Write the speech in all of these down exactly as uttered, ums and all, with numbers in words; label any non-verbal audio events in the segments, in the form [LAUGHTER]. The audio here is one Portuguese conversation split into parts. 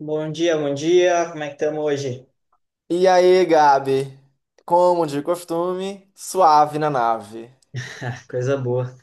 Bom dia, bom dia. Como é que estamos hoje? E aí, Gabi? Como de costume, suave na nave. [LAUGHS] Coisa boa.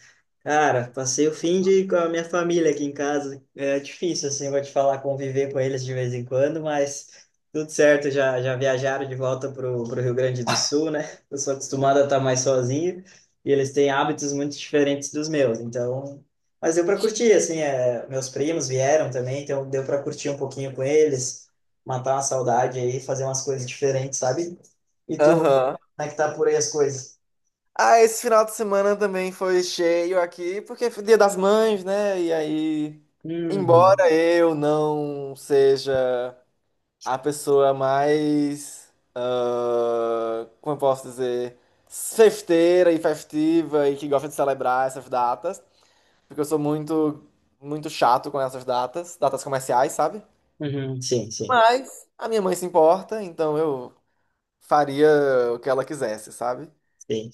Cara, passei o fim de com a minha família aqui em casa. É difícil, assim, vou te falar, conviver com eles de vez em quando, mas tudo certo, já, já viajaram de volta pro, pro Rio Grande do Sul, né? Eu sou acostumado a estar mais sozinho e eles têm hábitos muito diferentes dos meus, então. Mas deu para curtir, assim, é, meus primos vieram também, então deu para curtir um pouquinho com eles, matar uma saudade aí, fazer umas coisas diferentes, sabe? E tu, como Aham. é que tá por aí as coisas? Ah, esse final de semana também foi cheio aqui, porque foi Dia das Mães, né? E aí, Uhum, embora eu não seja a pessoa mais, ah, como eu posso dizer, festeira e festiva e que gosta de celebrar essas datas, porque eu sou muito, muito chato com essas datas, datas comerciais, sabe? uhum, sim, sim. Mas a minha mãe se importa, então eu faria o que ela quisesse, sabe? Sim,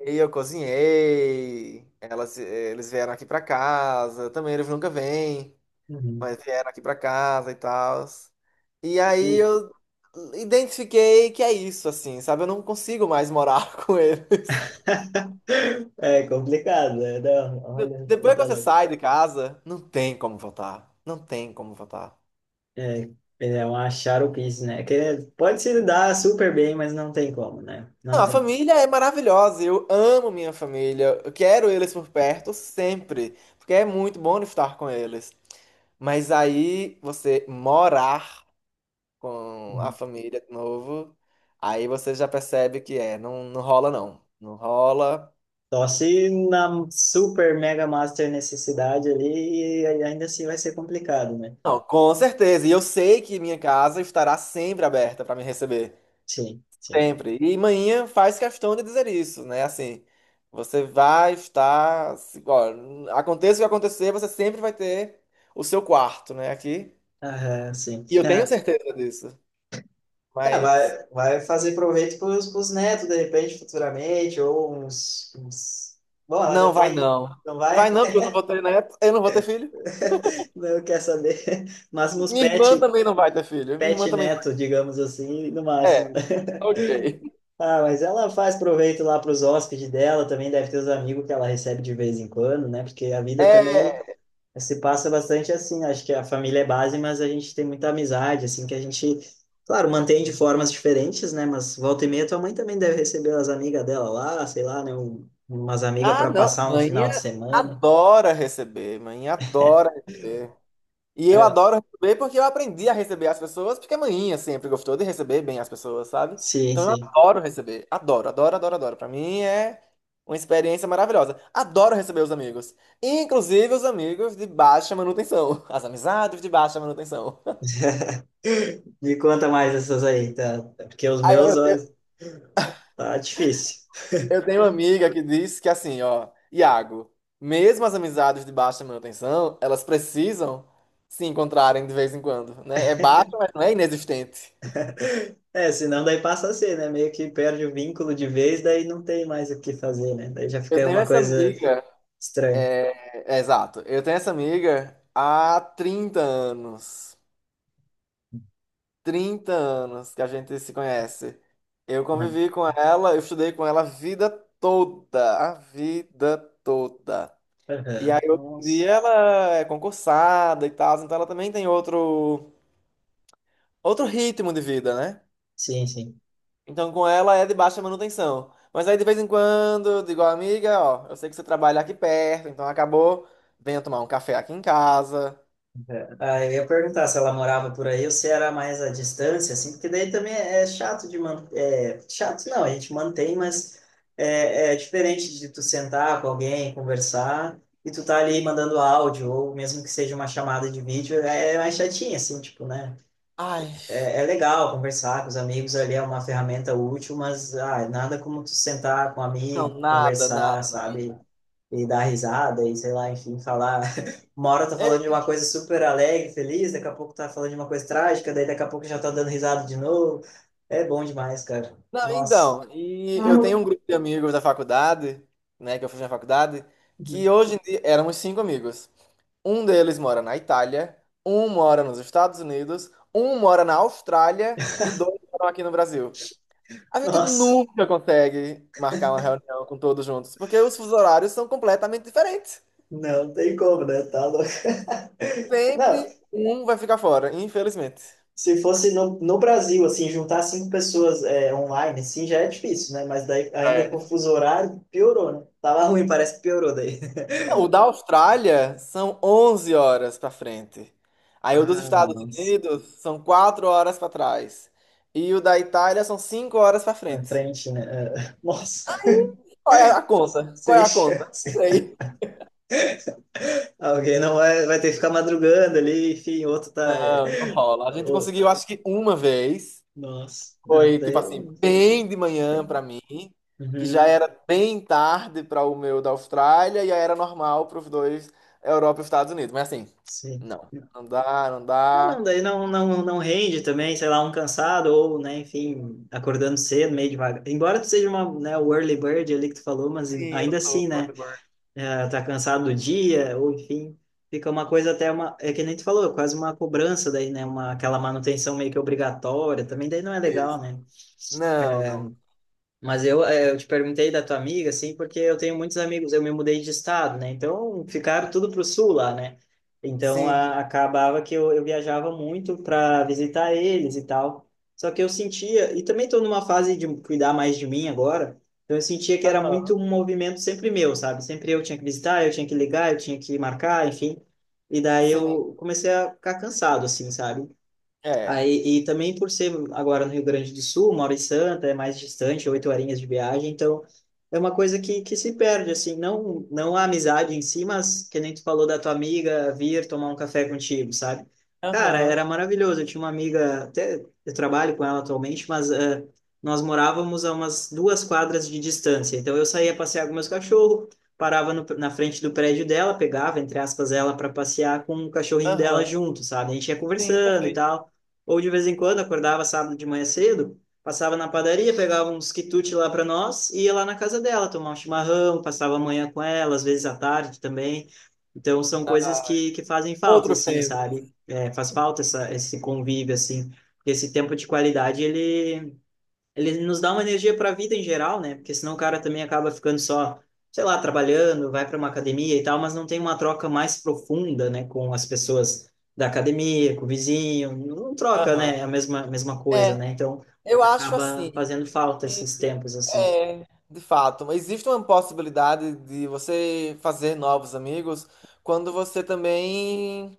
E eu cozinhei, elas, eles vieram aqui pra casa, também eles nunca vêm, uhum. mas vieram aqui pra casa e tal. E aí E eu identifiquei que é isso, assim, sabe? Eu não consigo mais morar [LAUGHS] com eles. [LAUGHS] é complicado, né? Não, olha, tu Depois que tá você louco. sai de casa, não tem como voltar. Não tem como voltar. É, é um charupice, né? Que é, pode se dar super bem, mas não tem como, né? Não Não, a tem como. família é maravilhosa, eu amo minha família, eu quero eles por perto sempre, porque é muito bom estar com eles. Mas aí você morar com a Uhum. família de novo, aí você já percebe que é, não, não rola não. Não rola. Só se na super mega master necessidade ali, e ainda assim vai ser complicado, né? Não, com certeza. E eu sei que minha casa estará sempre aberta para me receber. Sim, sim. Sempre. E manhã faz questão de dizer isso, né? Assim, você vai estar. se- Ó, aconteça o que acontecer, você sempre vai ter o seu quarto, né? Aqui. Aham, sim. E eu tenho [LAUGHS] certeza disso. É, Mas vai, vai fazer proveito para os netos, de repente, futuramente, ou uns, uns- Bom, ela já não vai tem. não. Não Vai vai? não, porque eu não vou ter neto, eu não vou ter filho. [LAUGHS] Não quer saber. Mas uns Minha irmã pets também não vai ter filho. Minha irmã pet também não neto, digamos assim, no vai. máximo, É, né? ok. Ah, mas ela faz proveito lá para os hóspedes dela, também deve ter os amigos que ela recebe de vez em quando, né? Porque a vida também É. se passa bastante assim. Acho que a família é base, mas a gente tem muita amizade, assim, que a gente, claro, mantém de formas diferentes, né? Mas volta e meia, tua mãe também deve receber as amigas dela lá, sei lá, né? Um- Umas amigas Ah, para não. passar um Mãe final de semana. adora receber. Mãe adora receber. E eu É, adoro receber porque eu aprendi a receber as pessoas, porque a mãinha sempre gostou de receber bem as pessoas, sabe? sim, Então eu sim. adoro receber. Adoro, adoro, adoro, adoro. Pra mim é uma experiência maravilhosa. Adoro receber os amigos. Inclusive os amigos de baixa manutenção. As amizades de baixa manutenção. Me conta mais essas aí, tá? Porque os [LAUGHS] Aí eu, meus, ó, eu tá difícil. Eu tenho uma amiga que diz que assim, ó, Iago, mesmo as amizades de baixa manutenção, elas precisam se encontrarem de vez em quando, né? É baixa, mas não é inexistente. É, senão daí passa a ser, né? Meio que perde o vínculo de vez, daí não tem mais o que fazer, né? Daí já Eu fica tenho uma essa coisa amiga, estranha. É, é, exato, eu tenho essa amiga há trinta anos. Trinta anos que a gente se conhece. Eu Não. convivi com ela, eu estudei com ela a vida toda, a vida toda. E aí Aham. hoje em dia Nossa. ela é concursada e tal, então ela também tem outro outro ritmo de vida, né? Sim, sim. Então com ela é de baixa manutenção. Mas aí de vez em quando eu digo, amiga, ó, eu sei que você trabalha aqui perto, então acabou, venha tomar um café aqui em casa. É. Ah, eu ia perguntar se ela morava por aí ou se era mais à distância, assim, porque daí também é é chato de manter. É, chato não, a gente mantém, mas é, é diferente de tu sentar com alguém, conversar, e tu tá ali mandando áudio, ou mesmo que seja uma chamada de vídeo, é é mais chatinho, assim, tipo, né? Ai, É, é legal conversar com os amigos ali, é uma ferramenta útil, mas ah, nada como tu sentar com um amigo, não, nada, conversar, nada, nada. sabe? E dar risada e sei lá, enfim, falar. [LAUGHS] Uma hora tá falando de É, uma coisa super alegre, feliz, daqui a pouco tá falando de uma coisa trágica, daí daqui a pouco já tá dando risada de novo. É bom demais, cara. não, Nossa. então, e eu tenho um grupo de amigos da faculdade, né, que eu fiz na faculdade, que Uhum. hoje em dia éramos cinco amigos. Um deles mora na Itália, um mora nos Estados Unidos, um mora na Austrália e dois moram aqui no Brasil. A gente Nossa. nunca consegue marcar uma reunião com todos juntos, porque os fusos horários são completamente diferentes. Não, tem como, né? Tá louco. Não, Sempre um vai ficar fora, infelizmente. se fosse no, no Brasil, assim, juntar cinco pessoas é, online, assim, já é difícil, né? Mas daí, ainda com o É. fuso horário, piorou, né? Tava ruim, parece que piorou daí. [LAUGHS] O da Austrália são onze horas para frente. Aí o dos Ah, Estados nossa. Unidos são quatro horas para trás. E o da Itália são cinco horas para Na frente. frente, né? É, [LAUGHS] nossa, Qual é a conta? Qual é sem a conta? Não chance. sei. Alguém não vai, vai ter que ficar madrugando ali, enfim, outro tá, é, Não, não rola. A gente ô, conseguiu, acho que uma vez. nossa, não, Foi, tipo daí. assim, bem de manhã pra mim, que já Uhum, era bem tarde para o meu da Austrália e aí era normal para os dois, Europa e Estados Unidos. Mas assim, sim. não, não dá, não Ah, dá. não, daí não, não, não rende também, sei lá, um cansado ou, né, enfim, acordando cedo, meio devagar. Embora tu seja uma, né, o early bird ali que tu falou, mas em- Sim, eu ainda sou assim, né, Portugal. eh, tá cansado do dia, ou enfim, fica uma coisa até uma, é que nem tu falou, quase uma cobrança daí, né, uma, aquela manutenção meio que obrigatória, também daí não é Isso. legal, né? Não, não. Mas eu, eh, eu te perguntei da tua amiga, assim, porque eu tenho muitos amigos, eu me mudei de estado, né? Então ficaram tudo pro sul lá, né? Então Sim, a, acabava que eu, eu viajava muito para visitar eles e tal. Só que eu sentia, e também estou numa fase de cuidar mais de mim agora, então eu sentia que era aham, muito um movimento sempre meu, sabe? Sempre eu tinha que visitar, eu tinha que ligar, eu tinha que marcar, enfim. E daí sim, eu comecei a ficar cansado, assim, sabe? é. Aí, e também por ser agora no Rio Grande do Sul, Mauro e Santa é mais distante, oito horinhas de viagem, então é uma coisa que, que se perde, assim, não, não a amizade em si, mas que nem tu falou da tua amiga vir tomar um café contigo, sabe? Cara, Aham, era maravilhoso, eu tinha uma amiga, até eu trabalho com ela atualmente, mas eh, nós morávamos a umas duas quadras de distância, então eu saía passear com meus cachorros, parava no- na frente do prédio dela, pegava, entre aspas, ela para passear com o cachorrinho dela aham, junto, sabe? A gente ia sim, conversando e perfeito. tal, ou de vez em quando, acordava sábado de manhã cedo, passava na padaria, pegava uns quitutes lá para nós e ia lá na casa dela tomar um chimarrão, passava a manhã com ela, às vezes à tarde também. Então, são coisas que, que fazem falta, Outros assim, tempos. sabe? É, faz falta essa, esse convívio, assim. Esse tempo de qualidade, ele ele nos dá uma energia para a vida em geral, né? Porque senão o cara também acaba ficando só, sei lá, trabalhando, vai para uma academia e tal, mas não tem uma troca mais profunda, né, com as pessoas da academia, com o vizinho, não troca, Aham. né, a mesma mesma coisa, É, né? Então eu acho acaba assim, fazendo falta esses tempos assim. é, de fato, mas existe uma possibilidade de você fazer novos amigos quando você também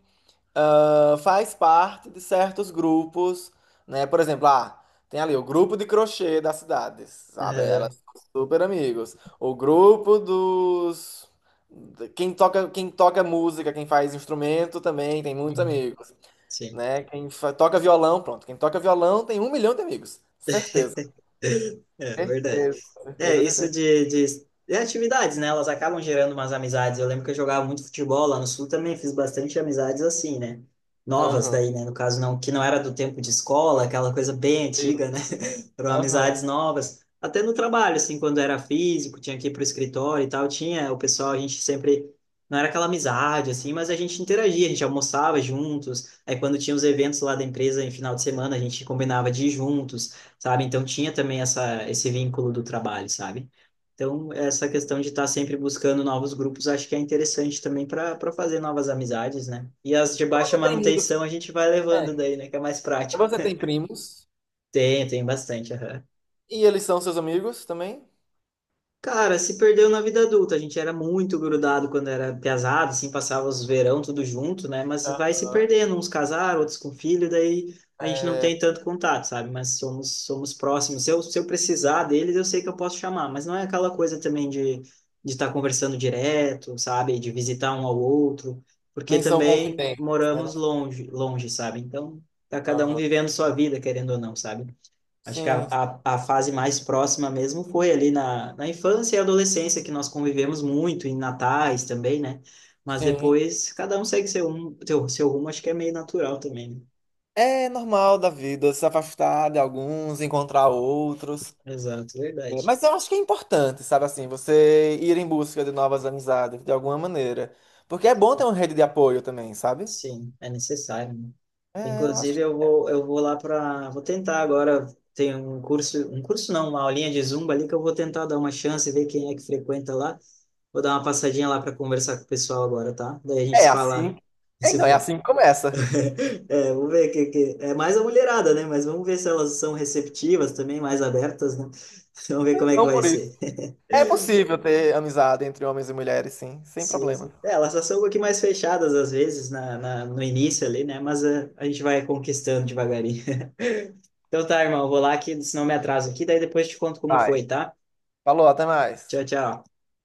ah, faz parte de certos grupos, né? Por exemplo, ah, tem ali o grupo de crochê das cidades, sabe? Elas Aham. são super amigos. O grupo dos de- quem toca, quem toca música, quem faz instrumento também tem muitos Uhum. amigos, Sim, né? Quem fa- toca violão, pronto. Quem toca violão tem um milhão de amigos, certeza. [LAUGHS] é verdade. Certeza, É, certeza, isso certeza. de, de, de atividades, né? Elas acabam gerando umas amizades. Eu lembro que eu jogava muito futebol lá no Sul também, fiz bastante amizades assim, né? Novas Aham. daí, né? No caso, não, que não era do tempo de escola, aquela coisa bem antiga, né? Isso. Foram Aham. amizades novas. Até no trabalho, assim, quando era físico, tinha que ir para o escritório e tal, tinha o pessoal, a gente sempre. Não era aquela amizade, assim, mas a gente interagia, a gente almoçava juntos. Aí, quando tinha os eventos lá da empresa em final de semana, a gente combinava de ir juntos, sabe? Então, tinha também essa, esse vínculo do trabalho, sabe? Então, essa questão de estar sempre buscando novos grupos, acho que é interessante também para para fazer novas amizades, né? E as de Mas baixa você tem amigos? manutenção a gente vai É. levando daí, né? Que é mais prático. Você [LAUGHS] tem primos? Tem, tem bastante. Aham. E eles são seus amigos também? Cara, se perdeu na vida adulta. A gente era muito grudado quando era piazada, assim, passava os verão tudo junto, né? Mas Ah, vai se perdendo, uns casaram, outros com filho, daí a gente não é, tem tanto contato, sabe? Mas somos somos próximos. Se eu, se eu precisar deles, eu sei que eu posso chamar, mas não é aquela coisa também de de estar conversando direto, sabe? De visitar um ao outro, porque nem são também confidentes, né? moramos Não- longe, longe, sabe? Então, tá cada um Aham. vivendo sua vida, querendo ou não, sabe? Acho que a, Sim, a, a fase mais próxima mesmo foi ali na, na infância e adolescência, que nós convivemos muito, em natais também, né? Mas sim. depois cada um segue seu, um- seu, seu rumo, acho que é meio natural também, né? É normal da vida se afastar de alguns, encontrar outros. Exato, Né? verdade. Mas eu acho que é importante, sabe assim, você ir em busca de novas amizades, de alguma maneira. Porque é bom ter uma rede de apoio também, sabe? Sim, é necessário, né? É, eu acho. Inclusive, eu vou, eu vou lá para. Vou tentar agora. Tem um curso, um curso não, uma aulinha de Zumba ali que eu vou tentar dar uma chance, e ver quem é que frequenta lá. Vou dar uma passadinha lá para conversar com o pessoal agora, tá? Daí a gente É se fala, assim. [LAUGHS] É, então, se é fala. assim que começa. É, vamos ver que, que é mais a mulherada, né? Mas vamos ver se elas são receptivas também, mais abertas, né? [LAUGHS] Vamos ver Mas como é que não vai por isso. ser. [LAUGHS] É possível ter amizade entre homens e mulheres, sim, sem Sim, problema. sim. É, elas só são um pouquinho mais fechadas às vezes na, na- no início ali, né? Mas é, a gente vai conquistando devagarinho. [LAUGHS] Então tá, irmão, eu vou lá que senão eu me atraso aqui, daí depois te conto como Vai. foi, tá? Falou, até Tchau, mais. tchau.